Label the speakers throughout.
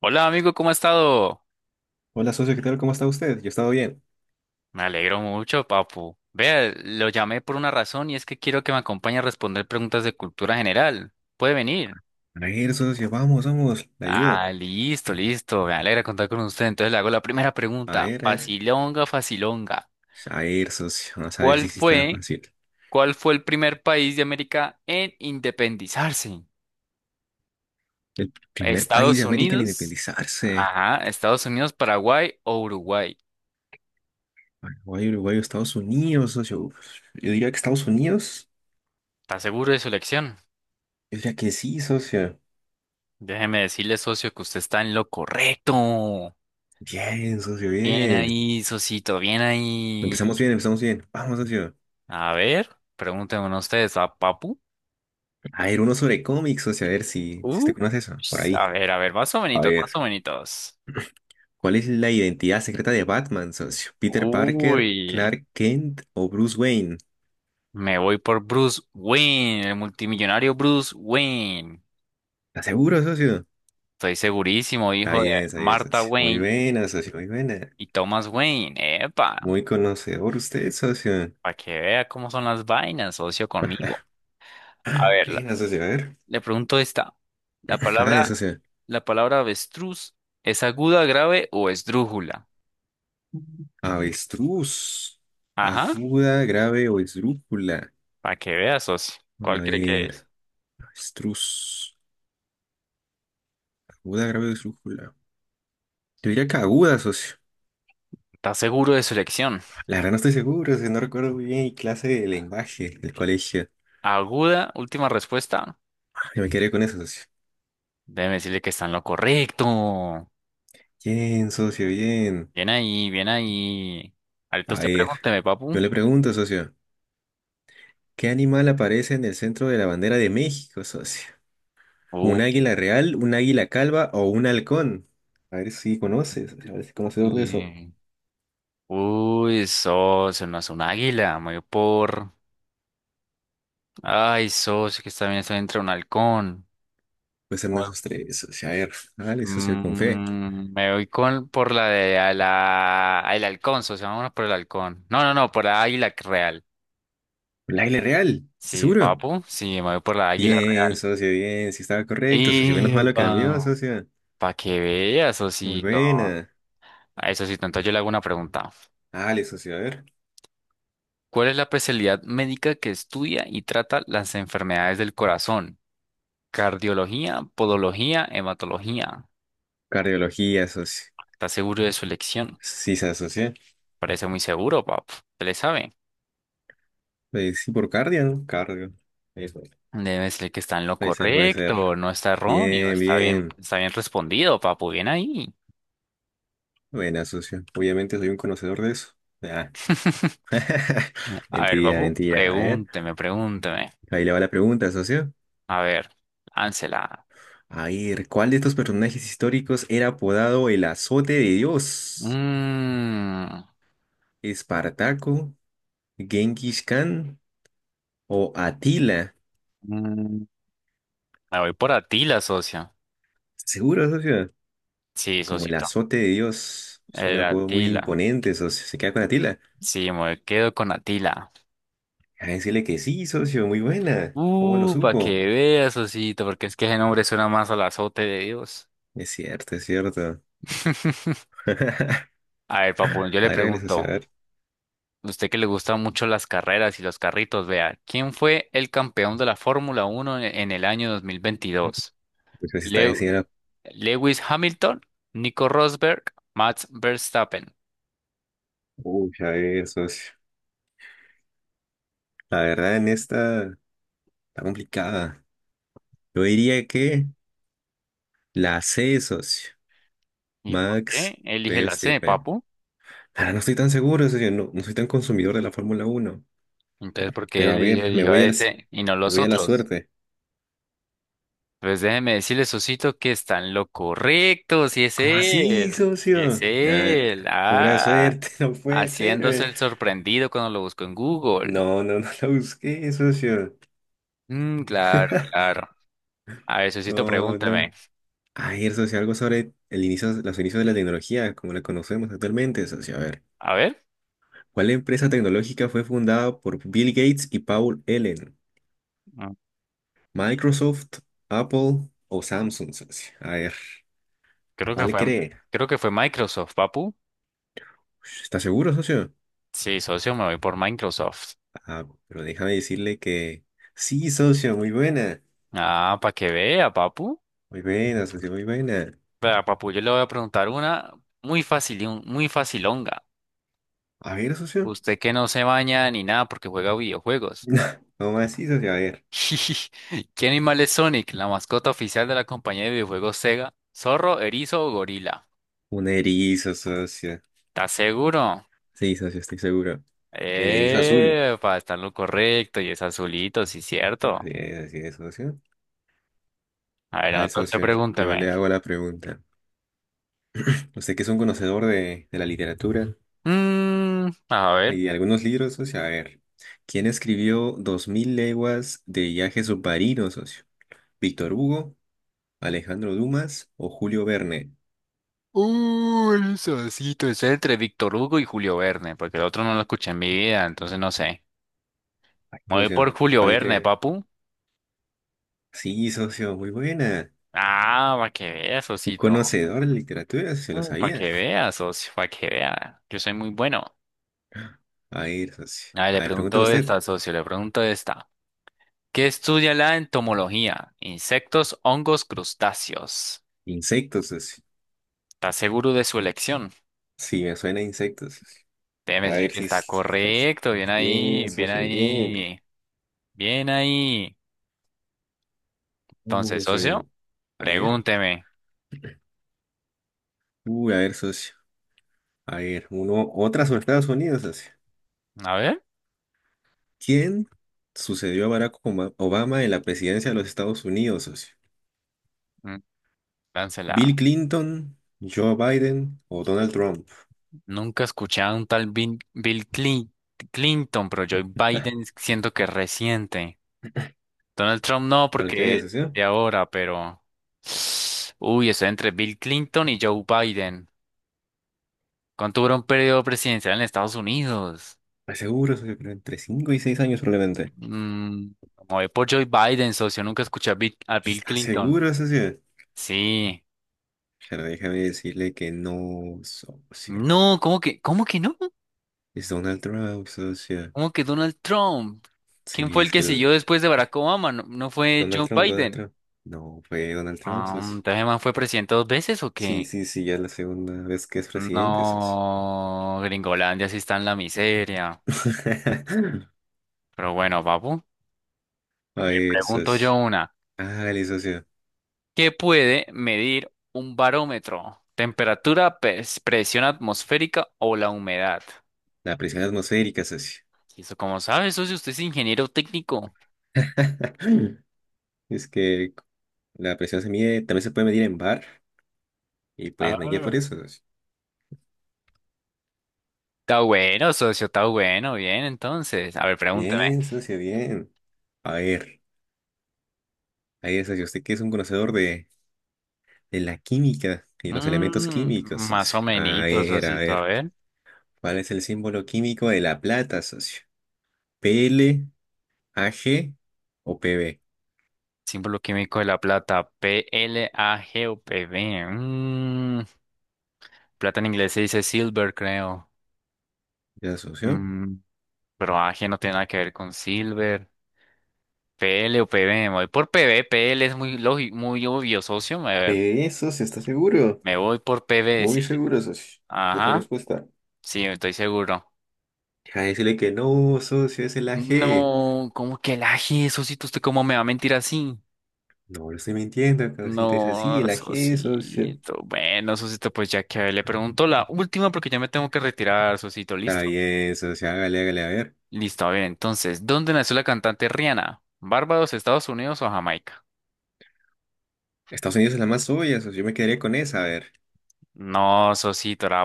Speaker 1: Hola amigo, ¿cómo ha estado?
Speaker 2: Hola, socio, ¿qué tal? ¿Cómo está usted? Yo he estado bien.
Speaker 1: Me alegro mucho, papu. Vea, lo llamé por una razón y es que quiero que me acompañe a responder preguntas de cultura general. ¿Puede venir?
Speaker 2: A ver, socio, vamos, vamos, le ayudo.
Speaker 1: Ah, listo, listo. Me alegra contar con usted. Entonces le hago la primera
Speaker 2: A
Speaker 1: pregunta.
Speaker 2: ver, a ver.
Speaker 1: Facilonga, facilonga.
Speaker 2: A ver, socio, vamos a ver
Speaker 1: ¿Cuál
Speaker 2: si sí está
Speaker 1: fue,
Speaker 2: fácil.
Speaker 1: cuál fue el primer país de América en independizarse?
Speaker 2: El primer país de
Speaker 1: ¿Estados
Speaker 2: América en
Speaker 1: Unidos?
Speaker 2: independizarse.
Speaker 1: Ajá, Estados Unidos, Paraguay o Uruguay.
Speaker 2: Uruguay, Uruguay, Estados Unidos, socio. Uf, yo diría que Estados Unidos.
Speaker 1: ¿Está seguro de su elección?
Speaker 2: Yo diría que sí, socio.
Speaker 1: Déjeme decirle, socio, que usted está en lo correcto.
Speaker 2: Bien, socio,
Speaker 1: Bien
Speaker 2: bien.
Speaker 1: ahí, Sosito, bien ahí.
Speaker 2: Empezamos bien, empezamos bien. Vamos, socio.
Speaker 1: A ver, pregúntenme ustedes a Papu.
Speaker 2: A ver, uno sobre cómics, socio, a ver si
Speaker 1: Uh,
Speaker 2: usted conoce eso. Por ahí.
Speaker 1: a ver, a ver, más o
Speaker 2: A
Speaker 1: menos, más
Speaker 2: ver.
Speaker 1: o menos.
Speaker 2: ¿Cuál es la identidad secreta de Batman, socio? ¿Peter
Speaker 1: Uy,
Speaker 2: Parker, Clark Kent o Bruce Wayne?
Speaker 1: me voy por Bruce Wayne, el multimillonario Bruce Wayne.
Speaker 2: ¿Estás seguro, socio?
Speaker 1: Estoy segurísimo, hijo de
Speaker 2: Está bien,
Speaker 1: Martha
Speaker 2: socio. Muy
Speaker 1: Wayne
Speaker 2: buena, socio, muy buena.
Speaker 1: y Thomas Wayne. Epa,
Speaker 2: Muy conocedor usted, socio.
Speaker 1: para que vea cómo son las vainas, socio conmigo. A ver,
Speaker 2: Buena, socio, a ver.
Speaker 1: le pregunto esta. La
Speaker 2: Dale,
Speaker 1: palabra,
Speaker 2: socio.
Speaker 1: la palabra avestruz, ¿es aguda, grave o esdrújula?
Speaker 2: Avestruz.
Speaker 1: Ajá,
Speaker 2: Aguda, grave o esdrújula.
Speaker 1: para que veas, socio.
Speaker 2: A
Speaker 1: ¿Cuál cree que es?
Speaker 2: ver, avestruz. Aguda, grave o esdrújula. Yo diría que aguda, socio.
Speaker 1: ¿Estás seguro de su elección?
Speaker 2: La verdad no estoy seguro, socio. No recuerdo muy bien mi clase de lenguaje del colegio.
Speaker 1: Aguda, última respuesta.
Speaker 2: Yo me quedé con eso, socio.
Speaker 1: Déjeme decirle que está en lo correcto.
Speaker 2: Bien, socio, bien.
Speaker 1: Bien ahí, bien ahí. Ahorita
Speaker 2: A
Speaker 1: usted
Speaker 2: ver,
Speaker 1: pregúnteme, papu.
Speaker 2: yo le pregunto, socio. ¿Qué animal aparece en el centro de la bandera de México, socio?
Speaker 1: Uy,
Speaker 2: ¿Un águila real, un águila calva o un halcón? A ver si conoces, a ver si conocedor de eso.
Speaker 1: uy, socio, no es un águila, me voy por. Ay, socio, que está bien, está entre un halcón.
Speaker 2: Pues ser esos tres, socio. A ver, vale, socio, con fe.
Speaker 1: Me voy con por la de a la, el halcón, socio, vámonos por el halcón. No, no, no, por la águila real.
Speaker 2: ¿Un águila real? ¿Estás
Speaker 1: Sí,
Speaker 2: seguro?
Speaker 1: papu, sí, me voy por la águila
Speaker 2: Bien,
Speaker 1: real.
Speaker 2: socio, bien, si estaba correcto, socio. Menos
Speaker 1: Y
Speaker 2: malo cambió, socio.
Speaker 1: para que veas,
Speaker 2: Muy
Speaker 1: Osito.
Speaker 2: buena.
Speaker 1: A eso sí, entonces yo le hago una pregunta.
Speaker 2: Vale, socio, a ver.
Speaker 1: ¿Cuál es la especialidad médica que estudia y trata las enfermedades del corazón? Cardiología, podología, hematología.
Speaker 2: Cardiología, socio.
Speaker 1: ¿Estás seguro de su elección?
Speaker 2: Sí se asocia.
Speaker 1: Parece muy seguro, papu. ¿Se le sabe?
Speaker 2: Sí, por cardio, ¿no? Cardio. Eso.
Speaker 1: Debe ser que está en lo
Speaker 2: Puede ser, puede ser.
Speaker 1: correcto, no está erróneo,
Speaker 2: Bien, bien.
Speaker 1: está bien respondido, papu, bien ahí.
Speaker 2: Buena, socio. Obviamente soy un conocedor de eso. Ah,
Speaker 1: A ver,
Speaker 2: mentira,
Speaker 1: papu,
Speaker 2: mentira. A ver,
Speaker 1: pregúnteme, pregúnteme.
Speaker 2: ahí le va la pregunta, socio.
Speaker 1: A ver, láncela.
Speaker 2: A ver, ¿cuál de estos personajes históricos era apodado el azote de Dios?
Speaker 1: Mm,
Speaker 2: ¿Espartaco, Genghis Khan o Atila?
Speaker 1: mm, Me voy por Atila, socio.
Speaker 2: Seguro, socio.
Speaker 1: Sí,
Speaker 2: Como el
Speaker 1: socito.
Speaker 2: azote de Dios. Es un
Speaker 1: El
Speaker 2: apodo muy
Speaker 1: Atila.
Speaker 2: imponente, socio. ¿Se queda con Atila?
Speaker 1: Sí, me quedo con Atila.
Speaker 2: A decirle que sí, socio. Muy buena. ¿Cómo lo
Speaker 1: Para
Speaker 2: supo?
Speaker 1: que veas, socito, porque es que ese nombre suena más al azote de Dios.
Speaker 2: Es cierto, es cierto. A
Speaker 1: A ver, papu,
Speaker 2: ver,
Speaker 1: yo le
Speaker 2: hágale, socio. A
Speaker 1: pregunto,
Speaker 2: ver.
Speaker 1: usted que le gustan mucho las carreras y los carritos, vea, ¿quién fue el campeón de la Fórmula Uno en el año 2022?
Speaker 2: Pues, se está
Speaker 1: Le-
Speaker 2: diciendo.
Speaker 1: Lewis Hamilton, Nico Rosberg, Max Verstappen.
Speaker 2: Uy, a ver, socio. La verdad en esta está complicada. Yo diría que la C, socio.
Speaker 1: ¿Y por qué
Speaker 2: Max
Speaker 1: elige la C,
Speaker 2: Verstappen.
Speaker 1: papu?
Speaker 2: Ahora no estoy tan seguro, socio. No, no soy tan consumidor de la Fórmula Uno.
Speaker 1: Entonces, ¿por qué
Speaker 2: Pero
Speaker 1: él
Speaker 2: a ver,
Speaker 1: eligió a ese y no
Speaker 2: me
Speaker 1: los
Speaker 2: voy a la
Speaker 1: otros?
Speaker 2: suerte.
Speaker 1: Pues déjeme decirle, Sosito, que está en lo correcto, si es
Speaker 2: ¿Cómo así,
Speaker 1: él, si es
Speaker 2: socio? Nah,
Speaker 1: él,
Speaker 2: pura
Speaker 1: ah,
Speaker 2: suerte, no puede ser,
Speaker 1: haciéndose
Speaker 2: eh.
Speaker 1: el sorprendido cuando lo busco en Google.
Speaker 2: No, no, no la busqué, socio.
Speaker 1: Mm, claro, claro. A ver, Sosito,
Speaker 2: No,
Speaker 1: pregúntame.
Speaker 2: no. A ver, socio, algo sobre el inicio, los inicios de la tecnología, como la conocemos actualmente, socio. A ver.
Speaker 1: A ver,
Speaker 2: ¿Cuál empresa tecnológica fue fundada por Bill Gates y Paul Allen?
Speaker 1: mm,
Speaker 2: Microsoft, Apple o Samsung, socio. A ver,
Speaker 1: creo que
Speaker 2: ¿cuál
Speaker 1: fue,
Speaker 2: cree?
Speaker 1: creo que fue Microsoft, papu.
Speaker 2: ¿Está seguro, socio?
Speaker 1: Sí, socio, me voy por Microsoft.
Speaker 2: Ah, pero déjame decirle que sí, socio, muy buena.
Speaker 1: Ah, para que vea, papu.
Speaker 2: Muy buena, socio, muy buena.
Speaker 1: Vea, papu, yo le voy a preguntar una muy fácil, y muy facilonga.
Speaker 2: A ver, socio.
Speaker 1: Usted que no se baña ni nada porque juega videojuegos.
Speaker 2: No más, sí, socio, a ver.
Speaker 1: ¿Qué animal es Sonic, la mascota oficial de la compañía de videojuegos Sega? ¿Zorro, erizo o gorila?
Speaker 2: Un erizo, socio.
Speaker 1: ¿Estás seguro?
Speaker 2: Sí, socio, estoy seguro. El erizo azul.
Speaker 1: Epa, está en lo correcto y es azulito, sí, cierto.
Speaker 2: Así es, socio.
Speaker 1: A ver,
Speaker 2: A ver,
Speaker 1: entonces
Speaker 2: socio, yo
Speaker 1: pregúnteme.
Speaker 2: le hago la pregunta. Usted que es un conocedor de la literatura,
Speaker 1: A ver.
Speaker 2: hay algunos libros, socio. A ver, ¿quién escribió 2000 leguas de viaje submarino, socio? ¿Víctor Hugo, Alejandro Dumas o Julio Verne?
Speaker 1: Uy, el sosito, es entre Víctor Hugo y Julio Verne, porque el otro no lo escuché en mi vida, entonces no sé.
Speaker 2: Ay,
Speaker 1: Me voy por
Speaker 2: socio,
Speaker 1: Julio
Speaker 2: ¿cuál le
Speaker 1: Verne,
Speaker 2: crea?
Speaker 1: papu.
Speaker 2: Sí, socio, muy buena.
Speaker 1: Ah, para que veas,
Speaker 2: Un
Speaker 1: socito.
Speaker 2: conocedor de literatura, se lo
Speaker 1: Para
Speaker 2: sabía.
Speaker 1: que veas, socio, para que vea. Yo soy muy bueno.
Speaker 2: A ver, socio.
Speaker 1: A ver,
Speaker 2: A
Speaker 1: le
Speaker 2: ver, pregúnteme
Speaker 1: pregunto
Speaker 2: usted.
Speaker 1: esta, socio, le pregunto esta. ¿Qué estudia la entomología? Insectos, hongos, crustáceos.
Speaker 2: Insectos, socio.
Speaker 1: ¿Estás seguro de su elección?
Speaker 2: Sí, me suena a insectos, socio.
Speaker 1: Déjeme
Speaker 2: A
Speaker 1: decir
Speaker 2: ver
Speaker 1: que
Speaker 2: si...
Speaker 1: está
Speaker 2: es- a ver si...
Speaker 1: correcto. Bien
Speaker 2: Bien,
Speaker 1: ahí, bien
Speaker 2: socio, bien.
Speaker 1: ahí, bien ahí. Entonces,
Speaker 2: Vamos,
Speaker 1: socio,
Speaker 2: eh. A ver.
Speaker 1: pregúnteme.
Speaker 2: Uy, a ver, socio. A ver, uno, otra sobre Estados Unidos, socio.
Speaker 1: A ver,
Speaker 2: ¿Quién sucedió a Barack Obama en la presidencia de los Estados Unidos, socio?
Speaker 1: mm,
Speaker 2: ¿Bill
Speaker 1: láncela.
Speaker 2: Clinton, Joe Biden o Donald Trump?
Speaker 1: Nunca he escuchado a un tal Bill Clinton, pero Joe Biden siento que es reciente. Donald Trump no,
Speaker 2: ¿Cuál
Speaker 1: porque es
Speaker 2: crees, socio?
Speaker 1: de ahora, pero. Uy, estoy entre Bill Clinton y Joe Biden. ¿Cuánto dura un periodo presidencial en Estados Unidos?
Speaker 2: ¿Estás seguro, socio? Pero entre 5 y 6 años probablemente.
Speaker 1: Mm, Como voy por Joe Biden, socio, nunca escuché a a Bill
Speaker 2: ¿Estás
Speaker 1: Clinton.
Speaker 2: seguro, socio?
Speaker 1: Sí.
Speaker 2: Pero déjame decirle que no, socio.
Speaker 1: No, cómo que no?
Speaker 2: Es Donald Trump, socio.
Speaker 1: ¿Cómo que Donald Trump? ¿Quién
Speaker 2: Sí,
Speaker 1: fue el
Speaker 2: es
Speaker 1: que
Speaker 2: que el...
Speaker 1: siguió después de Barack Obama? ¿No, no fue
Speaker 2: Donald
Speaker 1: Joe
Speaker 2: Trump, Donald
Speaker 1: Biden?
Speaker 2: Trump. No, fue Donald Trump,
Speaker 1: Ah,
Speaker 2: socio.
Speaker 1: entonces, el man, ¿fue presidente dos veces o
Speaker 2: Sí,
Speaker 1: qué?
Speaker 2: sí, sí, ya es la segunda vez que es presidente, socio.
Speaker 1: No, Gringolandia sí está en la miseria. Pero bueno, papu,
Speaker 2: A
Speaker 1: le
Speaker 2: ver,
Speaker 1: pregunto yo
Speaker 2: socio.
Speaker 1: una.
Speaker 2: Hágale, socio.
Speaker 1: ¿Qué puede medir un barómetro? ¿Temperatura, presión atmosférica o la humedad?
Speaker 2: La presión atmosférica, socio.
Speaker 1: Y eso, como sabe socio, usted es ingeniero técnico.
Speaker 2: Es que la presión se mide, también se puede medir en bar y pues me guía por
Speaker 1: Ah.
Speaker 2: eso, socio.
Speaker 1: Está bueno, socio, está bueno. Bien, entonces. A ver, pregúnteme.
Speaker 2: Bien, socio, bien. A ver, ahí es, socio, usted que es un conocedor de la química y los elementos
Speaker 1: Mm,
Speaker 2: químicos,
Speaker 1: Más
Speaker 2: socio.
Speaker 1: o menos,
Speaker 2: A
Speaker 1: socio, a
Speaker 2: ver,
Speaker 1: ver.
Speaker 2: ¿cuál es el símbolo químico de la plata, socio? P L A G o P B.
Speaker 1: Símbolo químico de la plata, PL A G O PLAGUPV. Plata en inglés se dice silver, creo.
Speaker 2: ¿Ya, socio?
Speaker 1: Mm, pero AG no tiene nada que ver con silver. P L o P PV, me voy por P V. PL es muy lógico, muy obvio, socio. A
Speaker 2: P
Speaker 1: ver,
Speaker 2: PB, socio, ¿está seguro?
Speaker 1: me voy por P PV, sí.
Speaker 2: Muy seguro, socio, de esa
Speaker 1: Ajá,
Speaker 2: respuesta.
Speaker 1: sí, estoy seguro.
Speaker 2: Deja de decirle que no, socio, es el A G.
Speaker 1: No, ¿cómo que el AG, socito? ¿Usted cómo me va a mentir así?
Speaker 2: No lo estoy mintiendo, causita, es así,
Speaker 1: No,
Speaker 2: el AG, socio.
Speaker 1: socito. Bueno, socito, pues ya que le pregunto la última porque ya me tengo que retirar, socito.
Speaker 2: Está
Speaker 1: ¿Listo?
Speaker 2: bien, socio, hágale, hágale, a ver.
Speaker 1: Listo, a ver, entonces, ¿dónde nació la cantante Rihanna? ¿Barbados, Estados Unidos o Jamaica?
Speaker 2: Estados Unidos es la más suya, socio, yo me quedaría con esa, a ver.
Speaker 1: No, Sosito, era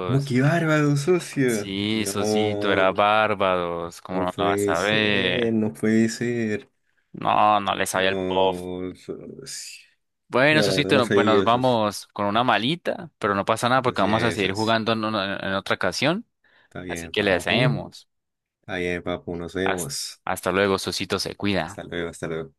Speaker 2: ¿Cómo que bárbaro, socio?
Speaker 1: Sí, Sosito,
Speaker 2: No,
Speaker 1: era Barbados. ¿Cómo
Speaker 2: no
Speaker 1: no lo vas
Speaker 2: puede
Speaker 1: a
Speaker 2: ser,
Speaker 1: ver?
Speaker 2: no puede ser.
Speaker 1: No, no le sabía el pop.
Speaker 2: No, socio.
Speaker 1: Bueno,
Speaker 2: No, la verdad
Speaker 1: Sosito,
Speaker 2: no
Speaker 1: pues nos
Speaker 2: sabía, socio.
Speaker 1: vamos con una malita, pero no pasa nada porque
Speaker 2: Así
Speaker 1: vamos a
Speaker 2: es,
Speaker 1: seguir
Speaker 2: socio.
Speaker 1: jugando en, en otra ocasión.
Speaker 2: Está
Speaker 1: Así
Speaker 2: bien,
Speaker 1: que le
Speaker 2: papu.
Speaker 1: deseamos.
Speaker 2: Está bien, papu, nos
Speaker 1: Hasta,
Speaker 2: vemos.
Speaker 1: hasta luego, Sosito, se cuida.
Speaker 2: Hasta luego, hasta luego.